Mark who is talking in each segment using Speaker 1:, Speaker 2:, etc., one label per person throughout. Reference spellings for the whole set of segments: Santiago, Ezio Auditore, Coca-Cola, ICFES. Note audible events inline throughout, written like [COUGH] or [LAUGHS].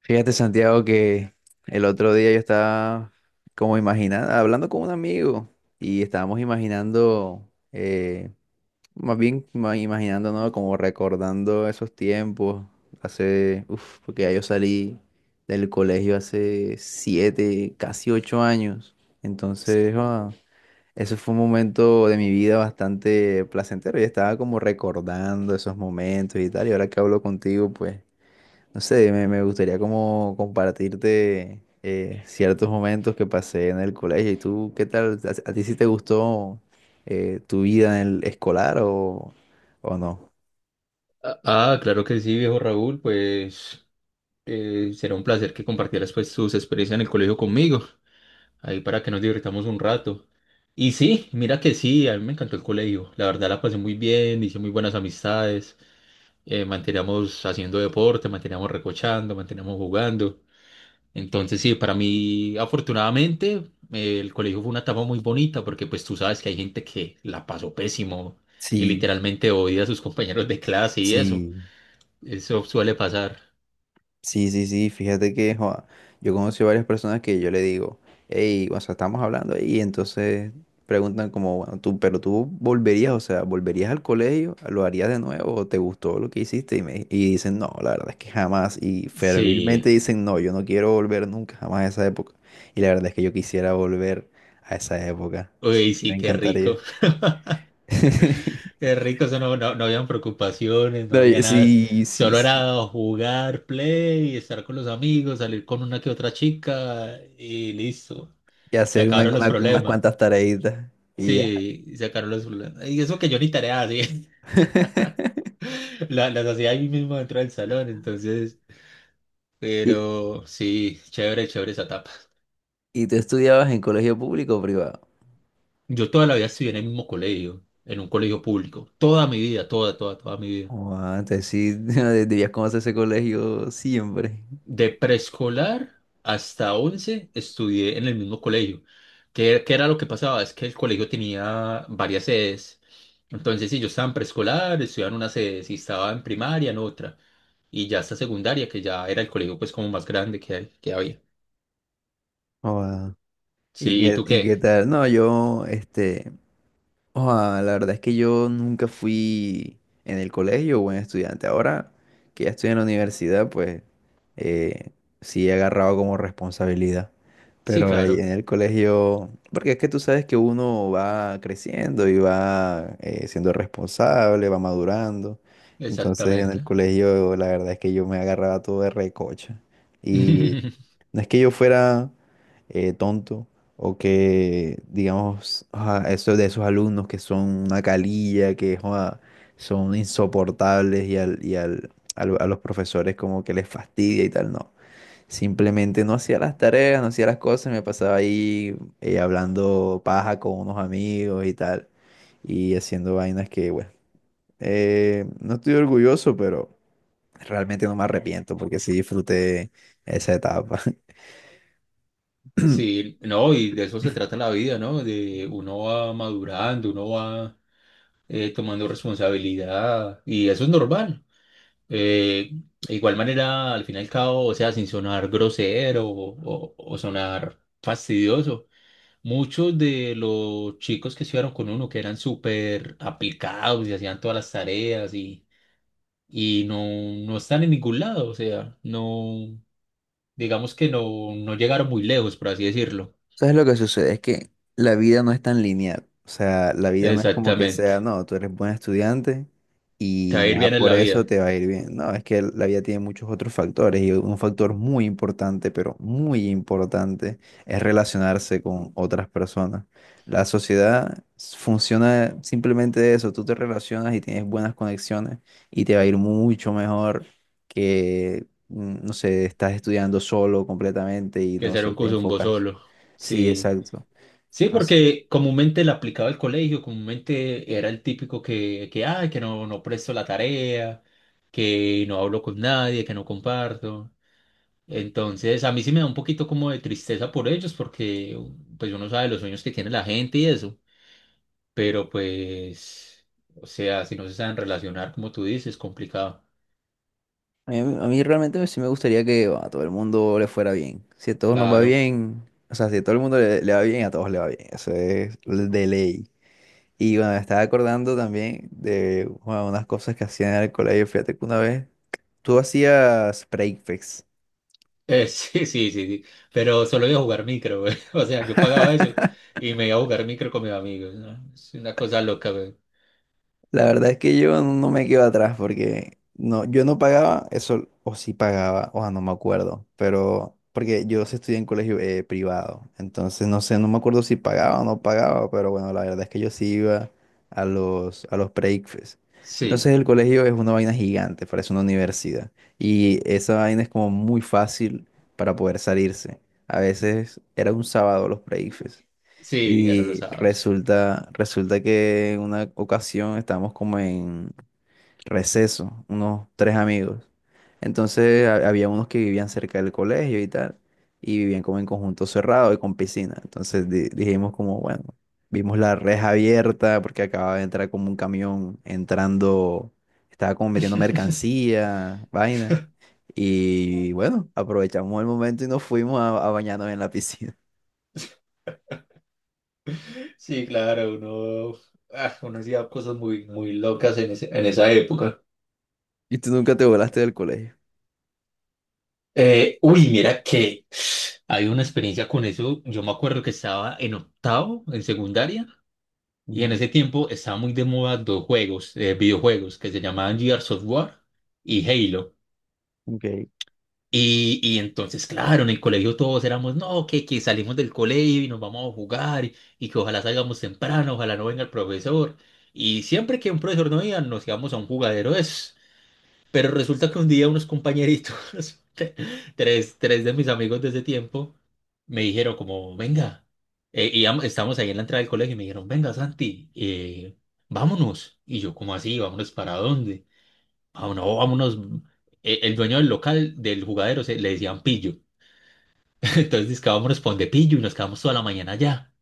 Speaker 1: Fíjate, Santiago, que el otro día yo estaba como imaginando, hablando con un amigo y estábamos imaginando, más bien imaginando, ¿no? Como recordando esos tiempos, hace, uff, porque ya yo salí del colegio hace 7, casi 8 años. Entonces, eso fue un momento de mi vida bastante placentero y estaba como recordando esos momentos y tal. Y ahora que hablo contigo, pues... No sé, me gustaría como compartirte ciertos momentos que pasé en el colegio. ¿Y tú qué tal? A ti sí te gustó tu vida en el escolar o no?
Speaker 2: Ah, claro que sí, viejo Raúl, pues será un placer que compartieras pues tus experiencias en el colegio conmigo, ahí para que nos divirtamos un rato. Y sí, mira que sí, a mí me encantó el colegio, la verdad la pasé muy bien, hice muy buenas amistades, manteníamos haciendo deporte, manteníamos recochando, manteníamos jugando. Entonces sí, para mí afortunadamente el colegio fue una etapa muy bonita porque pues tú sabes que hay gente que la pasó pésimo y
Speaker 1: Sí,
Speaker 2: literalmente odia a sus [LAUGHS] compañeros de clase y eso,
Speaker 1: sí.
Speaker 2: eso suele pasar.
Speaker 1: Sí, sí, sí, fíjate que joa, yo conocí varias personas que yo le digo, hey, o sea, estamos hablando y entonces preguntan como, bueno, tú, pero tú volverías, o sea, volverías al colegio, lo harías de nuevo, o te gustó lo que hiciste y y dicen, no, la verdad es que jamás, y
Speaker 2: Sí,
Speaker 1: fervilmente dicen, no, yo no quiero volver nunca, jamás a esa época. Y la verdad es que yo quisiera volver a esa época, sí,
Speaker 2: uy,
Speaker 1: me
Speaker 2: sí, qué rico.
Speaker 1: encantaría.
Speaker 2: [LAUGHS]
Speaker 1: [LAUGHS]
Speaker 2: Qué rico, eso no, no, no habían preocupaciones, no
Speaker 1: No,
Speaker 2: había nada.
Speaker 1: sí, sí,
Speaker 2: Solo
Speaker 1: sí,
Speaker 2: era jugar, play, estar con los amigos, salir con una que otra chica y listo.
Speaker 1: y
Speaker 2: Se
Speaker 1: hacer
Speaker 2: acabaron los
Speaker 1: unas
Speaker 2: problemas.
Speaker 1: cuantas tareitas y ya.
Speaker 2: Sí, se acabaron los problemas. Y eso que yo ni tarea hacía, [LAUGHS]
Speaker 1: [LAUGHS]
Speaker 2: las hacía ahí mismo dentro del salón, entonces.
Speaker 1: Y,
Speaker 2: Pero sí, chévere, chévere esa etapa.
Speaker 1: ¿y tú estudiabas en colegio público o privado?
Speaker 2: Yo toda la vida estudié en el mismo colegio, en un colegio público. Toda mi vida, toda, toda, toda mi vida.
Speaker 1: Joda, entonces sí, [LAUGHS] debías conocer ese colegio siempre.
Speaker 2: De preescolar hasta 11 estudié en el mismo colegio. ¿Qué era lo que pasaba? Es que el colegio tenía varias sedes. Entonces, si yo estaba en preescolar, estudiaba en una sede, si estaba en primaria, en otra. Y ya hasta secundaria, que ya era el colegio pues como más grande que había.
Speaker 1: Joda.
Speaker 2: Sí, ¿y tú
Speaker 1: Y qué
Speaker 2: qué?
Speaker 1: tal? No, yo, este, oa, la verdad es que yo nunca fui en el colegio buen estudiante. Ahora que ya estoy en la universidad, pues eh, sí he agarrado como responsabilidad.
Speaker 2: Sí,
Speaker 1: Pero
Speaker 2: claro,
Speaker 1: en el colegio, porque es que tú sabes que uno va creciendo y va siendo responsable, va madurando. Entonces en
Speaker 2: exactamente.
Speaker 1: el colegio la verdad es que yo me agarraba todo de recocha. Y
Speaker 2: [LAUGHS]
Speaker 1: no es que yo fuera tonto, o que, digamos, ah, eso de esos alumnos que son una calilla, que joda, son insoportables y a los profesores como que les fastidia y tal, no. Simplemente no hacía las tareas, no hacía las cosas, me pasaba ahí hablando paja con unos amigos y tal, y haciendo vainas que, bueno, no estoy orgulloso, pero realmente no me arrepiento porque sí disfruté esa etapa. [LAUGHS]
Speaker 2: Sí, no, y de eso se trata la vida, ¿no? De uno va madurando, uno va tomando responsabilidad y eso es normal. Eh, de igual manera, al fin y al cabo, o sea, sin sonar grosero o sonar fastidioso, muchos de los chicos que estuvieron con uno, que eran súper aplicados y hacían todas las tareas y no, no están en ningún lado, o sea, no, digamos que no, no llegaron muy lejos, por así decirlo.
Speaker 1: ¿Sabes lo que sucede? Es que la vida no es tan lineal. O sea, la vida no es como que sea,
Speaker 2: Exactamente.
Speaker 1: no, tú eres buen estudiante
Speaker 2: Te va
Speaker 1: y
Speaker 2: a
Speaker 1: ya
Speaker 2: ir bien en
Speaker 1: por
Speaker 2: la vida,
Speaker 1: eso te va a ir bien. No, es que la vida tiene muchos otros factores y un factor muy importante, pero muy importante, es relacionarse con otras personas. La sociedad funciona simplemente de eso. Tú te relacionas y tienes buenas conexiones y te va a ir mucho mejor que, mm, no sé, estás estudiando solo completamente y
Speaker 2: que
Speaker 1: no
Speaker 2: ser
Speaker 1: sé,
Speaker 2: un
Speaker 1: te
Speaker 2: cosumbo
Speaker 1: enfocas.
Speaker 2: solo.
Speaker 1: Sí,
Speaker 2: Sí.
Speaker 1: exacto.
Speaker 2: Sí,
Speaker 1: As-
Speaker 2: porque comúnmente la aplicaba el colegio, comúnmente era el típico que, ay, que no, no presto la tarea, que no hablo con nadie, que no comparto. Entonces, a mí sí me da un poquito como de tristeza por ellos, porque pues uno sabe los sueños que tiene la gente y eso, pero pues, o sea, si no se saben relacionar, como tú dices, es complicado.
Speaker 1: A a mí realmente sí me gustaría que bueno, a todo el mundo le fuera bien. Si a todos nos va
Speaker 2: Claro.
Speaker 1: bien, o sea, si a todo el mundo le va bien, a todos le va bien. Eso es de ley. Y bueno, me estaba acordando también de bueno, unas cosas que hacían en el colegio. Fíjate que una vez tú hacías breakfast.
Speaker 2: [LAUGHS] Sí, sí, sí, sí, pero solo iba a jugar micro, güey. [LAUGHS] O sea, yo pagaba eso y me iba a jugar micro con mis amigos, ¿no? Es una cosa loca, güey.
Speaker 1: La verdad es que yo no me quedo atrás porque no, yo no pagaba eso, o sí pagaba, o sea, no me acuerdo, pero porque yo sí estudié en colegio privado, entonces no sé, no me acuerdo si pagaba o no pagaba, pero bueno, la verdad es que yo sí iba a los pre-ICFES.
Speaker 2: Sí,
Speaker 1: Entonces el colegio es una vaina gigante, parece una universidad, y esa vaina es como muy fácil para poder salirse. A veces era un sábado los pre-ICFES.
Speaker 2: sí, eran los
Speaker 1: Y
Speaker 2: sábados.
Speaker 1: resulta que en una ocasión estábamos como en receso, unos tres amigos. Entonces había unos que vivían cerca del colegio y tal, y vivían como en conjunto cerrado y con piscina. Entonces dijimos como, bueno, vimos la reja abierta porque acababa de entrar como un camión entrando, estaba como metiendo
Speaker 2: [LAUGHS]
Speaker 1: mercancía, vaina. Y bueno, aprovechamos el momento y nos fuimos a bañarnos en la piscina.
Speaker 2: Sí, claro, uno, ah, uno hacía cosas muy, muy locas en en esa época.
Speaker 1: [LAUGHS] ¿Y tú nunca te volaste del colegio?
Speaker 2: Uy, mira que hay una experiencia con eso. Yo me acuerdo que estaba en octavo, en secundaria, y en ese tiempo estaba muy de moda dos juegos, videojuegos, que se llamaban Gears of War y Halo.
Speaker 1: Ok.
Speaker 2: Y entonces, claro, en el colegio todos éramos, no, que, salimos del colegio y nos vamos a jugar y que ojalá salgamos temprano, ojalá no venga el profesor. Y siempre que un profesor no iba, nos íbamos a un jugadero de esos. Pero resulta que un día unos compañeritos, [LAUGHS] te- tres de mis amigos de ese tiempo, me dijeron como, venga, estábamos ahí en la entrada del colegio y me dijeron, venga, Santi, vámonos. Y yo, como así? ¿Vámonos para dónde? Vámonos. El dueño del local, del jugadero, le decían pillo. [LAUGHS] Entonces dice que vámonos pa' donde pillo y nos quedamos toda la mañana allá.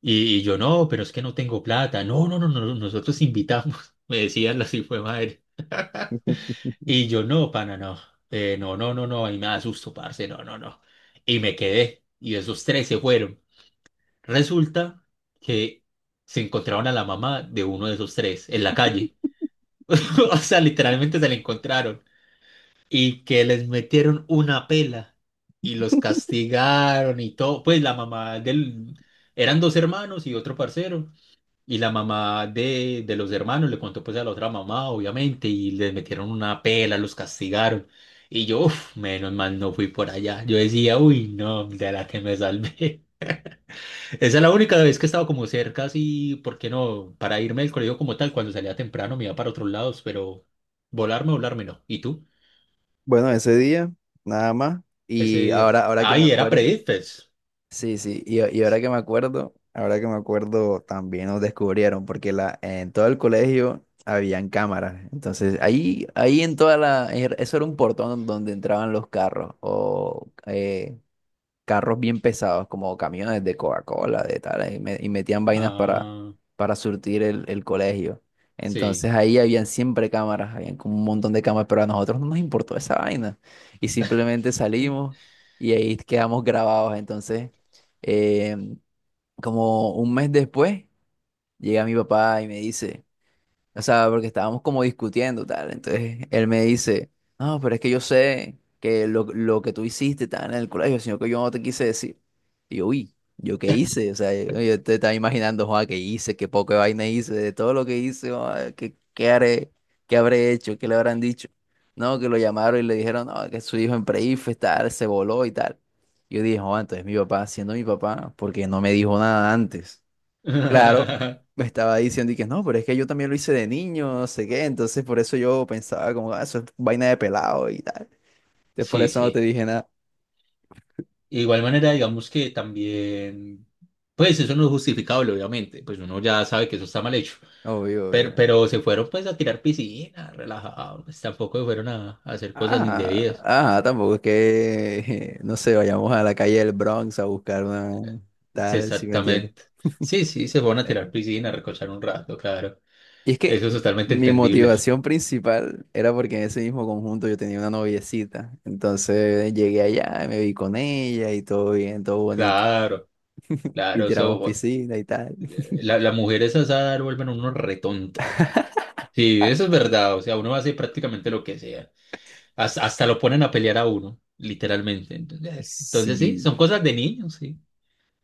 Speaker 2: Y yo no, pero es que no tengo plata. No, no, no, no, no, nosotros invitamos. [LAUGHS] Me decían así fue madre. Y yo no, pana, no. No, no, no, no, ahí me asusto, parce, no, no, no. Y me quedé. Y esos tres se fueron. Resulta que se encontraron a la mamá de uno de esos tres en la calle. [LAUGHS] O sea, literalmente se la encontraron. Y que les metieron una pela y los castigaron y todo. Pues la mamá del... Eran dos hermanos y otro parcero. Y la mamá de los hermanos le contó pues a la otra mamá, obviamente, y les metieron una pela, los castigaron. Y yo, uf, menos mal no fui por allá. Yo decía, uy, no, de la que me salvé. [LAUGHS] Esa es la única vez que he estado como cerca, así, ¿por qué no? Para irme del colegio como tal, cuando salía temprano me iba para otros lados, pero volarme, volarme no. ¿Y tú?
Speaker 1: Bueno, ese día, nada más.
Speaker 2: Ese
Speaker 1: Y
Speaker 2: día.
Speaker 1: ahora, ahora que me
Speaker 2: Ay, era
Speaker 1: acuerdo,
Speaker 2: pre-IFES.
Speaker 1: sí, sí, y ahora que me acuerdo, también nos descubrieron, porque la, en todo el colegio habían cámaras. Entonces, ahí en toda la, eso era un portón donde entraban los carros o carros bien pesados, como camiones de Coca-Cola, de tal, y y metían vainas
Speaker 2: Ah,
Speaker 1: para surtir el colegio. Entonces
Speaker 2: sí.
Speaker 1: ahí habían siempre cámaras, habían como un montón de cámaras, pero a nosotros no nos importó esa vaina. Y simplemente salimos y ahí quedamos grabados. Entonces, eh, como un mes después, llega mi papá y me dice... O sea, porque estábamos como discutiendo, tal. Entonces él me dice, no, pero es que yo sé que lo que tú hiciste estaba en el colegio, sino que yo no te quise decir. Y yo, uy, ¿yo qué hice? O sea, yo te estaba imaginando, joa, qué hice, qué poca vaina hice, de todo lo que hice, joa, qué, qué haré, qué habré hecho, qué le habrán dicho. No, que lo llamaron y le dijeron, no, que su hijo en pre-IFE, tal, se voló y tal. Yo dije, joa, entonces mi papá, siendo mi papá, porque no me dijo nada antes. Claro, me
Speaker 2: [LAUGHS]
Speaker 1: estaba diciendo y que no, pero es que yo también lo hice de niño, no sé qué, entonces por eso yo pensaba como, "Ah, eso es vaina de pelado y tal. Entonces por
Speaker 2: Sí,
Speaker 1: eso no te
Speaker 2: sí.
Speaker 1: dije nada."
Speaker 2: De igual manera, digamos que también, pues eso no es justificable, obviamente, pues uno ya sabe que eso está mal hecho,
Speaker 1: Obvio,
Speaker 2: pero,
Speaker 1: obvio.
Speaker 2: pero se fueron pues a tirar piscina, relajados, pues, tampoco se fueron a hacer cosas
Speaker 1: Ah,
Speaker 2: indebidas.
Speaker 1: ah, tampoco es que, [LAUGHS] no sé, vayamos a la calle del Bronx a buscar una
Speaker 2: Sí,
Speaker 1: tal, si me entiendes.
Speaker 2: exactamente.
Speaker 1: [LAUGHS]
Speaker 2: Sí, sí, se fueron a
Speaker 1: Eh,
Speaker 2: tirar piscina, a recochar un rato, claro.
Speaker 1: y es que
Speaker 2: Eso es totalmente
Speaker 1: mi
Speaker 2: entendible. [LAUGHS]
Speaker 1: motivación principal era porque en ese mismo conjunto yo tenía una noviecita. Entonces llegué allá y me vi con ella y todo bien, todo bonito.
Speaker 2: Claro,
Speaker 1: Y
Speaker 2: claro, se,
Speaker 1: tiramos piscina y tal.
Speaker 2: La, la mujer es asada, vuelven a uno retonto. Sí, eso es verdad. O sea, uno hace prácticamente lo que sea. Hasta lo ponen a pelear a uno, literalmente. Entonces, entonces sí,
Speaker 1: Sí,
Speaker 2: son cosas de niños, sí.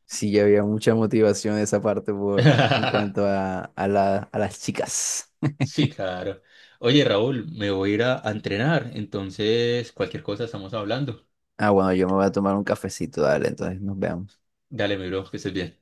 Speaker 1: sí, había mucha motivación de esa parte por en cuanto
Speaker 2: [LAUGHS]
Speaker 1: a, a las chicas.
Speaker 2: Sí, claro. Oye, Raúl, me voy a ir a entrenar. Entonces, cualquier cosa estamos hablando.
Speaker 1: Ah, bueno, yo me voy a tomar un cafecito, dale, entonces nos veamos.
Speaker 2: Dale, mi bro, que estés bien.